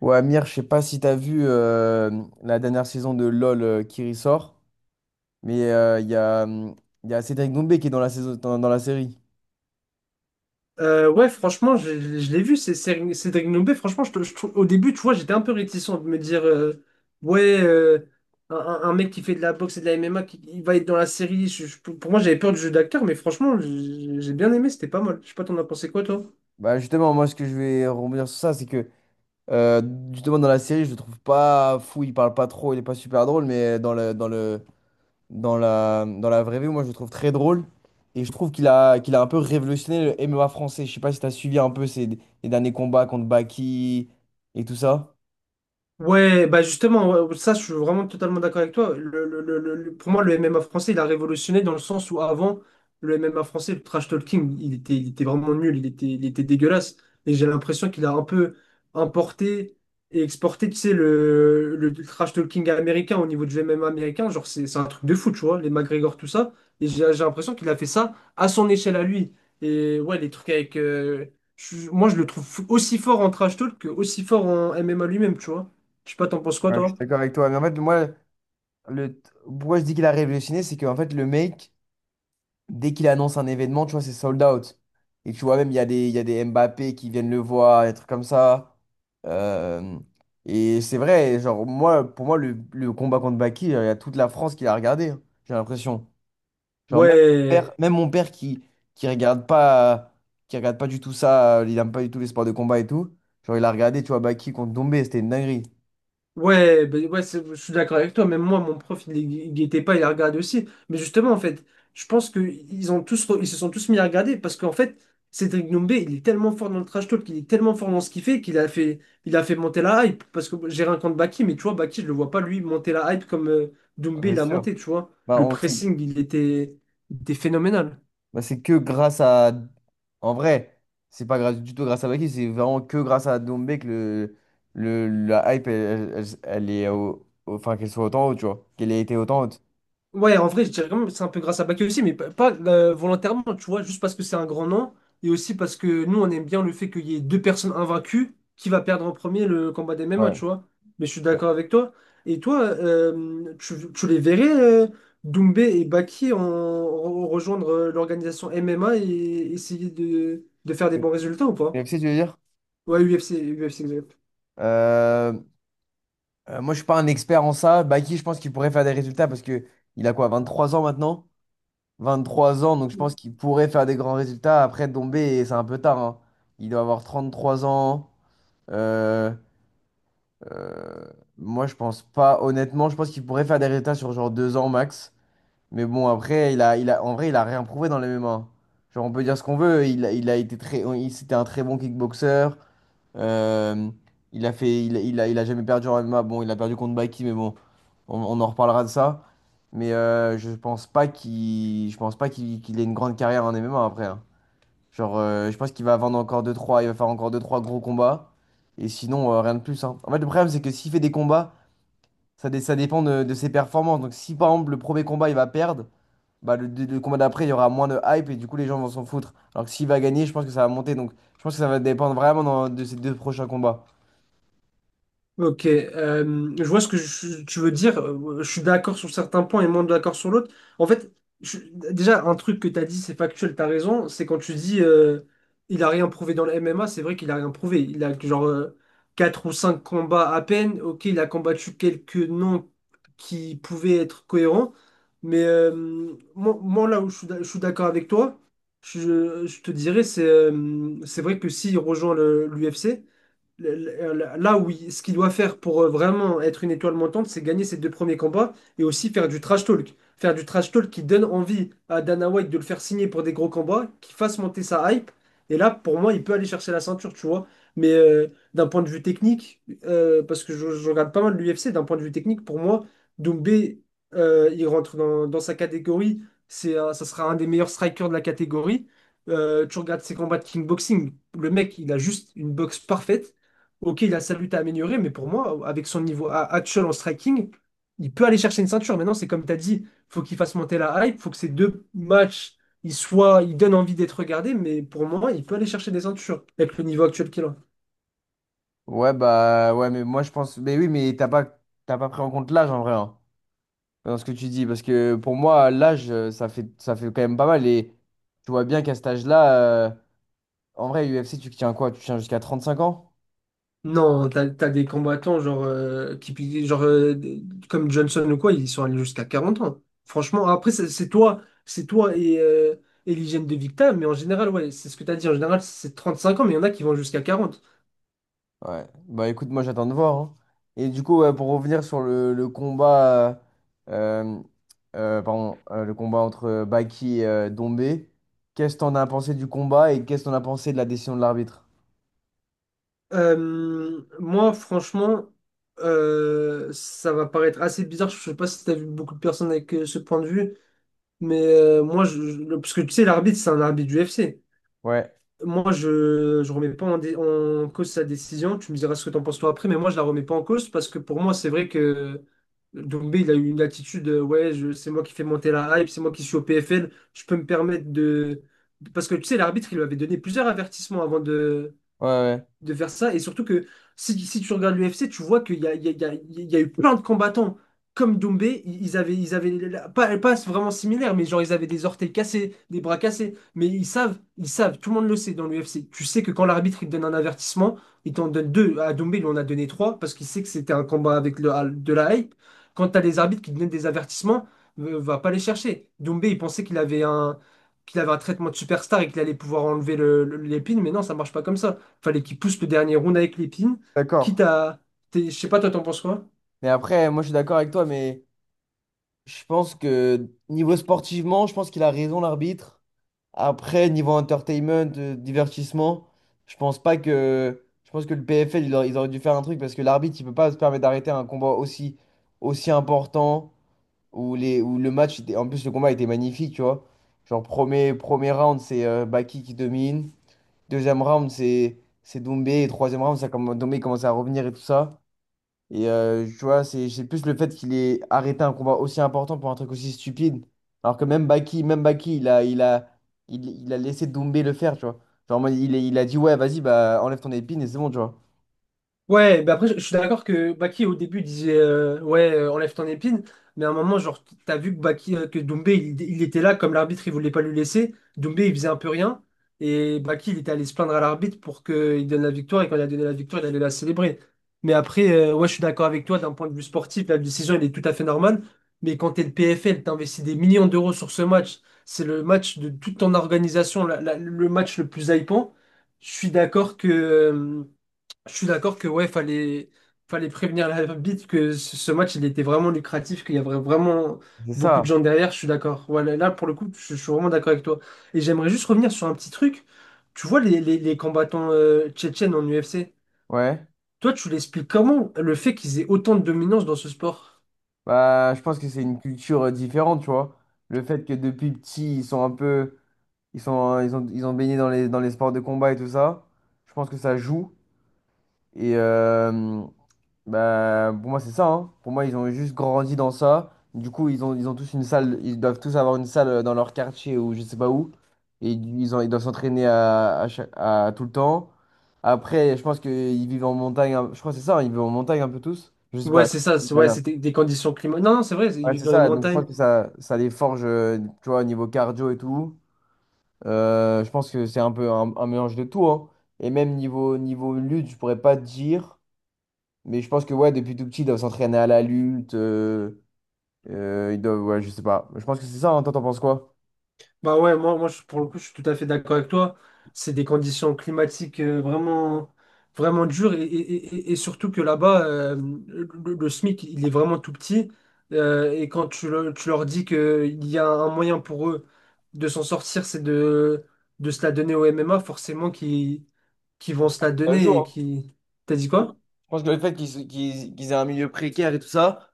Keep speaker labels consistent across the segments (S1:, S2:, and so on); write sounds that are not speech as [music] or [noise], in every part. S1: Ouais, Amir, je sais pas si t'as vu la dernière saison de LOL qui ressort, mais il y a Cédric Doumbé qui est dans la saison, dans la série.
S2: Ouais, franchement, je l'ai vu, Cédric Doumbé. Franchement, au début, tu vois, j'étais un peu réticent de me dire, ouais, un mec qui fait de la boxe et de la MMA, qui, il va être dans la série. Pour moi, j'avais peur du jeu d'acteur, mais franchement, j'ai bien aimé, c'était pas mal. Je sais pas, t'en as pensé quoi, toi?
S1: Bah justement, moi ce que je vais rebondir sur ça, c'est que euh, justement dans la série, je le trouve pas fou, il parle pas trop, il est pas super drôle, mais dans la vraie vie, moi je le trouve très drôle. Et je trouve qu'il a un peu révolutionné le MMA français. Je sais pas si t'as suivi un peu ses, les derniers combats contre Baki et tout ça.
S2: Ouais, bah justement, ouais, ouais, ça, je suis vraiment totalement d'accord avec toi. Pour moi, le MMA français, il a révolutionné dans le sens où avant, le MMA français, le trash talking, il était vraiment nul, il était dégueulasse. Et j'ai l'impression qu'il a un peu importé et exporté, tu sais, le trash talking américain au niveau du MMA américain. Genre, c'est un truc de fou, tu vois, les McGregor, tout ça. Et j'ai l'impression qu'il a fait ça à son échelle à lui. Et ouais, les trucs avec. Moi, je le trouve aussi fort en trash talk que aussi fort en MMA lui-même, tu vois. Je sais pas, t'en penses quoi,
S1: Ouais, je suis
S2: toi?
S1: d'accord avec toi. Mais en fait, moi, le... Pourquoi je dis qu'il a révolutionné, c'est qu'en fait, le mec, dès qu'il annonce un événement, tu vois, c'est sold out. Et tu vois, même, il y a des Mbappé qui viennent le voir, des trucs comme ça. Euh, Et c'est vrai, genre, moi, pour moi, le combat contre Baki, il y a toute la France qui l'a regardé, hein, j'ai l'impression. Genre,
S2: Ouais,
S1: même mon père qui regarde pas, qui regarde pas du tout ça, il aime pas du tout les sports de combat et tout, genre, il a regardé, tu vois, Baki contre Dombé, c'était une dinguerie.
S2: ouais, ben ouais, je suis d'accord avec toi. Même moi, mon prof, il guettait pas, il la regardait aussi. Mais justement, en fait, je pense que ils ont tous, ils se sont tous mis à regarder parce qu'en fait, Cédric Doumbé, il est tellement fort dans le trash talk, il est tellement fort dans ce qu'il fait qu'il a fait monter la hype. Parce que j'ai rien contre Baki, mais tu vois, Baki, je le vois pas lui monter la hype comme
S1: Ah,
S2: Doumbé,
S1: c'est
S2: il a monté,
S1: sûr.
S2: tu vois.
S1: Bah,
S2: Le
S1: on, sait,
S2: pressing, il était phénoménal.
S1: C'est que grâce à... En vrai, c'est pas grâce, du tout grâce à Baki, c'est vraiment que grâce à Dombé que la hype, elle est au... au- Enfin, qu'elle soit autant haute, tu vois. Qu'elle ait été autant haute.
S2: Ouais, en vrai, je dirais quand même que c'est un peu grâce à Baké aussi, mais pas, volontairement, tu vois, juste parce que c'est un grand nom, et aussi parce que nous, on aime bien le fait qu'il y ait deux personnes invaincues, qui va perdre en premier le combat des MMA,
S1: Ouais.
S2: tu vois. Mais je suis d'accord avec toi. Et toi, tu les verrais, Doumbé et Baki, rejoindre l'organisation MMA et essayer de faire des bons résultats ou pas?
S1: UFC, tu veux dire?
S2: Ouais, UFC, UFC.
S1: Euh, moi, je suis pas un expert en ça. Baki, je pense qu'il pourrait faire des résultats parce que il a quoi, 23 ans maintenant? 23 ans, donc je pense qu'il pourrait faire des grands résultats. Après, Dombé, c'est un peu tard, hein. Il doit avoir 33 ans. Euh, Euh, moi, je pense pas, honnêtement, je pense qu'il pourrait faire des résultats sur genre deux ans max. Mais bon, après, en vrai, il a rien prouvé dans les MMA. Genre, on peut dire ce qu'on veut. Il a été très, c'était un très bon kickboxer. Euh, il a jamais perdu en MMA. Bon, il a perdu contre Baki, mais bon, on en reparlera de ça. Mais je pense pas qu'il ait une grande carrière en MMA après, hein. Genre, je pense qu'il va vendre encore deux trois il va faire encore deux trois gros combats. Et sinon, rien de plus, hein. En fait, le problème, c'est que s'il fait des combats, ça dépend de ses performances. Donc, si par exemple, le premier combat, il va perdre, bah, le combat d'après, il y aura moins de hype et du coup, les gens vont s'en foutre. Alors que s'il va gagner, je pense que ça va monter. Donc, je pense que ça va dépendre vraiment de ces deux prochains combats.
S2: Ok, je vois ce que tu veux dire. Je suis d'accord sur certains points et moins d'accord sur l'autre. En fait, je- déjà, un truc que tu as dit, c'est factuel, tu as raison. C'est quand tu dis il a rien prouvé dans le MMA, c'est vrai qu'il a rien prouvé. Il a genre quatre ou 5 combats à peine. Ok, il a combattu quelques noms qui pouvaient être cohérents. Mais moi, là où je suis d'accord avec toi, je te dirais, c'est vrai que s'il rejoint l'UFC le- ce qu'il doit faire pour vraiment être une étoile montante, c'est gagner ses deux premiers combats et aussi faire du trash talk. Faire du trash talk qui donne envie à Dana White de le faire signer pour des gros combats, qui fasse monter sa hype. Et là, pour moi, il peut aller chercher la ceinture, tu vois. Mais d'un point de vue technique, parce que je regarde pas mal l'UFC, d'un point de vue technique, pour moi, Doumbé, il rentre dans sa catégorie. C'est, ça sera un des meilleurs strikers de la catégorie. Tu regardes ses combats de kickboxing, le mec, il a juste une boxe parfaite. Ok, il a sa lutte à améliorer, mais pour moi, avec son niveau actuel en striking, il peut aller chercher une ceinture. Maintenant, c'est comme tu as dit, faut qu'il fasse monter la hype, faut que ces deux matchs, ils soient, ils donnent envie d'être regardés, mais pour moi, il peut aller chercher des ceintures avec le niveau actuel qu'il a.
S1: Ouais, mais moi, je pense. Mais oui, mais t'as pas pris en compte l'âge en vrai, hein, dans ce que tu dis. Parce que pour moi, l'âge, ça fait quand même pas mal. Et tu vois bien qu'à cet âge-là, euh, en vrai, UFC, tu tiens quoi? Tu tiens jusqu'à 35 ans?
S2: Non, t'as des combattants genre, qui, genre comme Johnson ou quoi, ils sont allés jusqu'à 40 ans. Franchement, après, c'est toi, c'est toi et l'hygiène de Victa, mais en général, ouais, c'est ce que t'as dit, en général, c'est 35 ans, mais il y en a qui vont jusqu'à 40.
S1: Ouais. Bah écoute, moi j'attends de voir, hein. Et du coup, ouais, pour revenir sur le combat, euh, pardon, le combat entre Baki et Dombé, qu'est-ce que t'en as pensé du combat et qu'est-ce que t'en as pensé de la décision de l'arbitre?
S2: Moi, franchement, ça va paraître assez bizarre. Je sais pas si t'as vu beaucoup de personnes avec ce point de vue, mais moi, parce que tu sais, l'arbitre, c'est un arbitre du FC.
S1: Ouais,
S2: Moi, je remets pas en cause sa décision. Tu me diras ce que t'en penses toi après, mais moi, je la remets pas en cause parce que pour moi, c'est vrai que Doumbé, il a eu une attitude, ouais, c'est moi qui fais monter la hype, c'est moi qui suis au PFL, je peux me permettre de, parce que tu sais, l'arbitre, il lui avait donné plusieurs avertissements avant de
S1: ouais, ouais.
S2: de faire ça. Et surtout que si tu regardes l'UFC, tu vois qu'il y a, il y a- il y a- il y a eu plein de combattants comme Dombé. Ils avaient pas vraiment similaire, mais genre ils avaient des orteils cassés, des bras cassés. Mais ils savent, tout le monde le sait dans l'UFC. Tu sais que quand l'arbitre il te donne un avertissement, il t'en donne deux. À Dombé, il en a donné trois parce qu'il sait que c'était un combat avec de la hype. Quand tu as des arbitres qui te donnent des avertissements, va pas les chercher. Dombé, il pensait qu'il avait un traitement de superstar et qu'il allait pouvoir enlever l'épine, mais non, ça marche pas comme ça fallait qu'il pousse le dernier round avec l'épine,
S1: D'accord.
S2: quitte à. T'es- Je sais pas, toi, t'en penses quoi?
S1: Mais après, moi je suis d'accord avec toi, mais je pense que niveau sportivement, je pense qu'il a raison l'arbitre. Après, niveau entertainment, divertissement, je pense pas que... Je pense que le PFL, ils auraient dû faire un truc parce que l'arbitre, il peut pas se permettre d'arrêter un combat aussi important où, où le match était. En plus, le combat était magnifique, tu vois. Genre, premier round, c'est Baki qui domine. Deuxième round, c'est Doumbé. Et troisième round, Doumbé commence à revenir et tout ça. Et tu vois, c'est plus le fait qu'il ait arrêté un combat aussi important pour un truc aussi stupide. Alors que même Baki, il a, il a, il a laissé Doumbé le faire, tu vois. Genre, en mode, il a dit, ouais, vas-y, bah, enlève ton épine et c'est bon, tu vois.
S2: Ouais, bah après, je suis d'accord que Baki, au début, disait ouais, enlève ton épine. Mais à un moment, genre, t'as vu que Doumbé, il, était là, comme l'arbitre, il voulait pas lui laisser. Doumbé, il faisait un peu rien. Et Baki, il était allé se plaindre à l'arbitre pour qu'il donne la victoire. Et quand il a donné la victoire, il allait la célébrer. Mais après, ouais, je suis d'accord avec toi, d'un point de vue sportif, la décision, elle est tout à fait normale. Mais quand t'es le PFL, t'investis des millions d'euros sur ce match. C'est le match de toute ton organisation, le match le plus hypant. Je suis d'accord que. euh, je suis d'accord que ouais, fallait prévenir l'arbitre [laughs] que ce match il était vraiment lucratif, qu'il y avait vraiment
S1: C'est
S2: beaucoup de
S1: ça.
S2: gens derrière, je suis d'accord. Ouais, là, là, pour le coup, je suis vraiment d'accord avec toi. Et j'aimerais juste revenir sur un petit truc. Tu vois les, les combattants tchétchènes en UFC,
S1: Ouais.
S2: toi tu l'expliques comment le fait qu'ils aient autant de dominance dans ce sport?
S1: Bah, je pense que c'est une culture différente, tu vois. Le fait que depuis petit, ils sont un peu... ils ont baigné dans dans les sports de combat et tout ça. Je pense que ça joue. Et, bah, pour moi, c'est ça, hein. Pour moi, ils ont juste grandi dans ça. Du coup, ils ont tous une salle. Ils doivent tous avoir une salle dans leur quartier ou je sais pas où. Et ils doivent s'entraîner à tout le temps. Après, je pense qu'ils vivent en montagne. Je crois que c'est ça, hein. Ils vivent en montagne un peu tous. Je sais
S2: Ouais,
S1: pas,
S2: c'est ça,
S1: je sais pas
S2: ouais,
S1: bien.
S2: c'était des conditions climatiques. Non, non, c'est vrai, ils
S1: Ouais,
S2: vivent
S1: c'est
S2: dans les
S1: ça. Donc, je
S2: montagnes.
S1: pense que ça les forge, tu vois, au niveau cardio et tout. Je pense que c'est un peu un mélange de tout, hein. Et même niveau lutte, je pourrais pas te dire. Mais je pense que ouais, depuis tout petit, ils doivent s'entraîner à la lutte. Ils doivent, ouais, je sais pas. Je pense que c'est ça, hein. Toi, t'en penses quoi?
S2: Bah ouais, moi pour le coup, je suis tout à fait d'accord avec toi. C'est des conditions climatiques vraiment, vraiment dures et surtout que là-bas, le SMIC, il est vraiment tout petit. Et quand tu leur dis qu'il y a un moyen pour eux de s'en sortir, c'est de se la donner au MMA, forcément qu'ils vont se la
S1: Ça joue,
S2: donner et
S1: hein.
S2: qui. T'as dit
S1: Je
S2: quoi?
S1: pense que le fait qu'ils aient un milieu précaire et tout ça,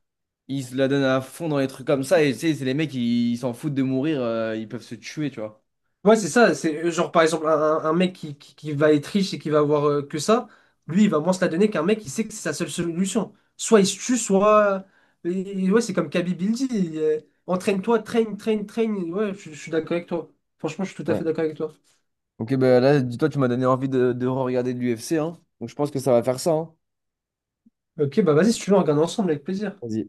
S1: ils se la donnent à fond dans les trucs comme ça. Et tu sais, c'est les mecs, ils s'en foutent de mourir, ils peuvent se tuer, tu vois.
S2: Ouais, c'est ça. C'est genre, par exemple, un mec qui va être riche et qui va avoir que ça, lui, il va moins se la donner qu'un mec qui sait que c'est sa seule solution. Soit il se tue, soit. Ouais, c'est comme Kaby Bildy. Entraîne-toi, train, train, train. Ouais, je suis d'accord avec toi. Franchement, je suis tout à fait d'accord avec toi.
S1: Ok, bah là, dis-toi, tu m'as donné envie de regarder de l'UFC, hein. Donc je pense que ça va faire ça, hein.
S2: Ok, bah vas-y, si tu veux, on regarde ensemble avec plaisir.
S1: Vas-y.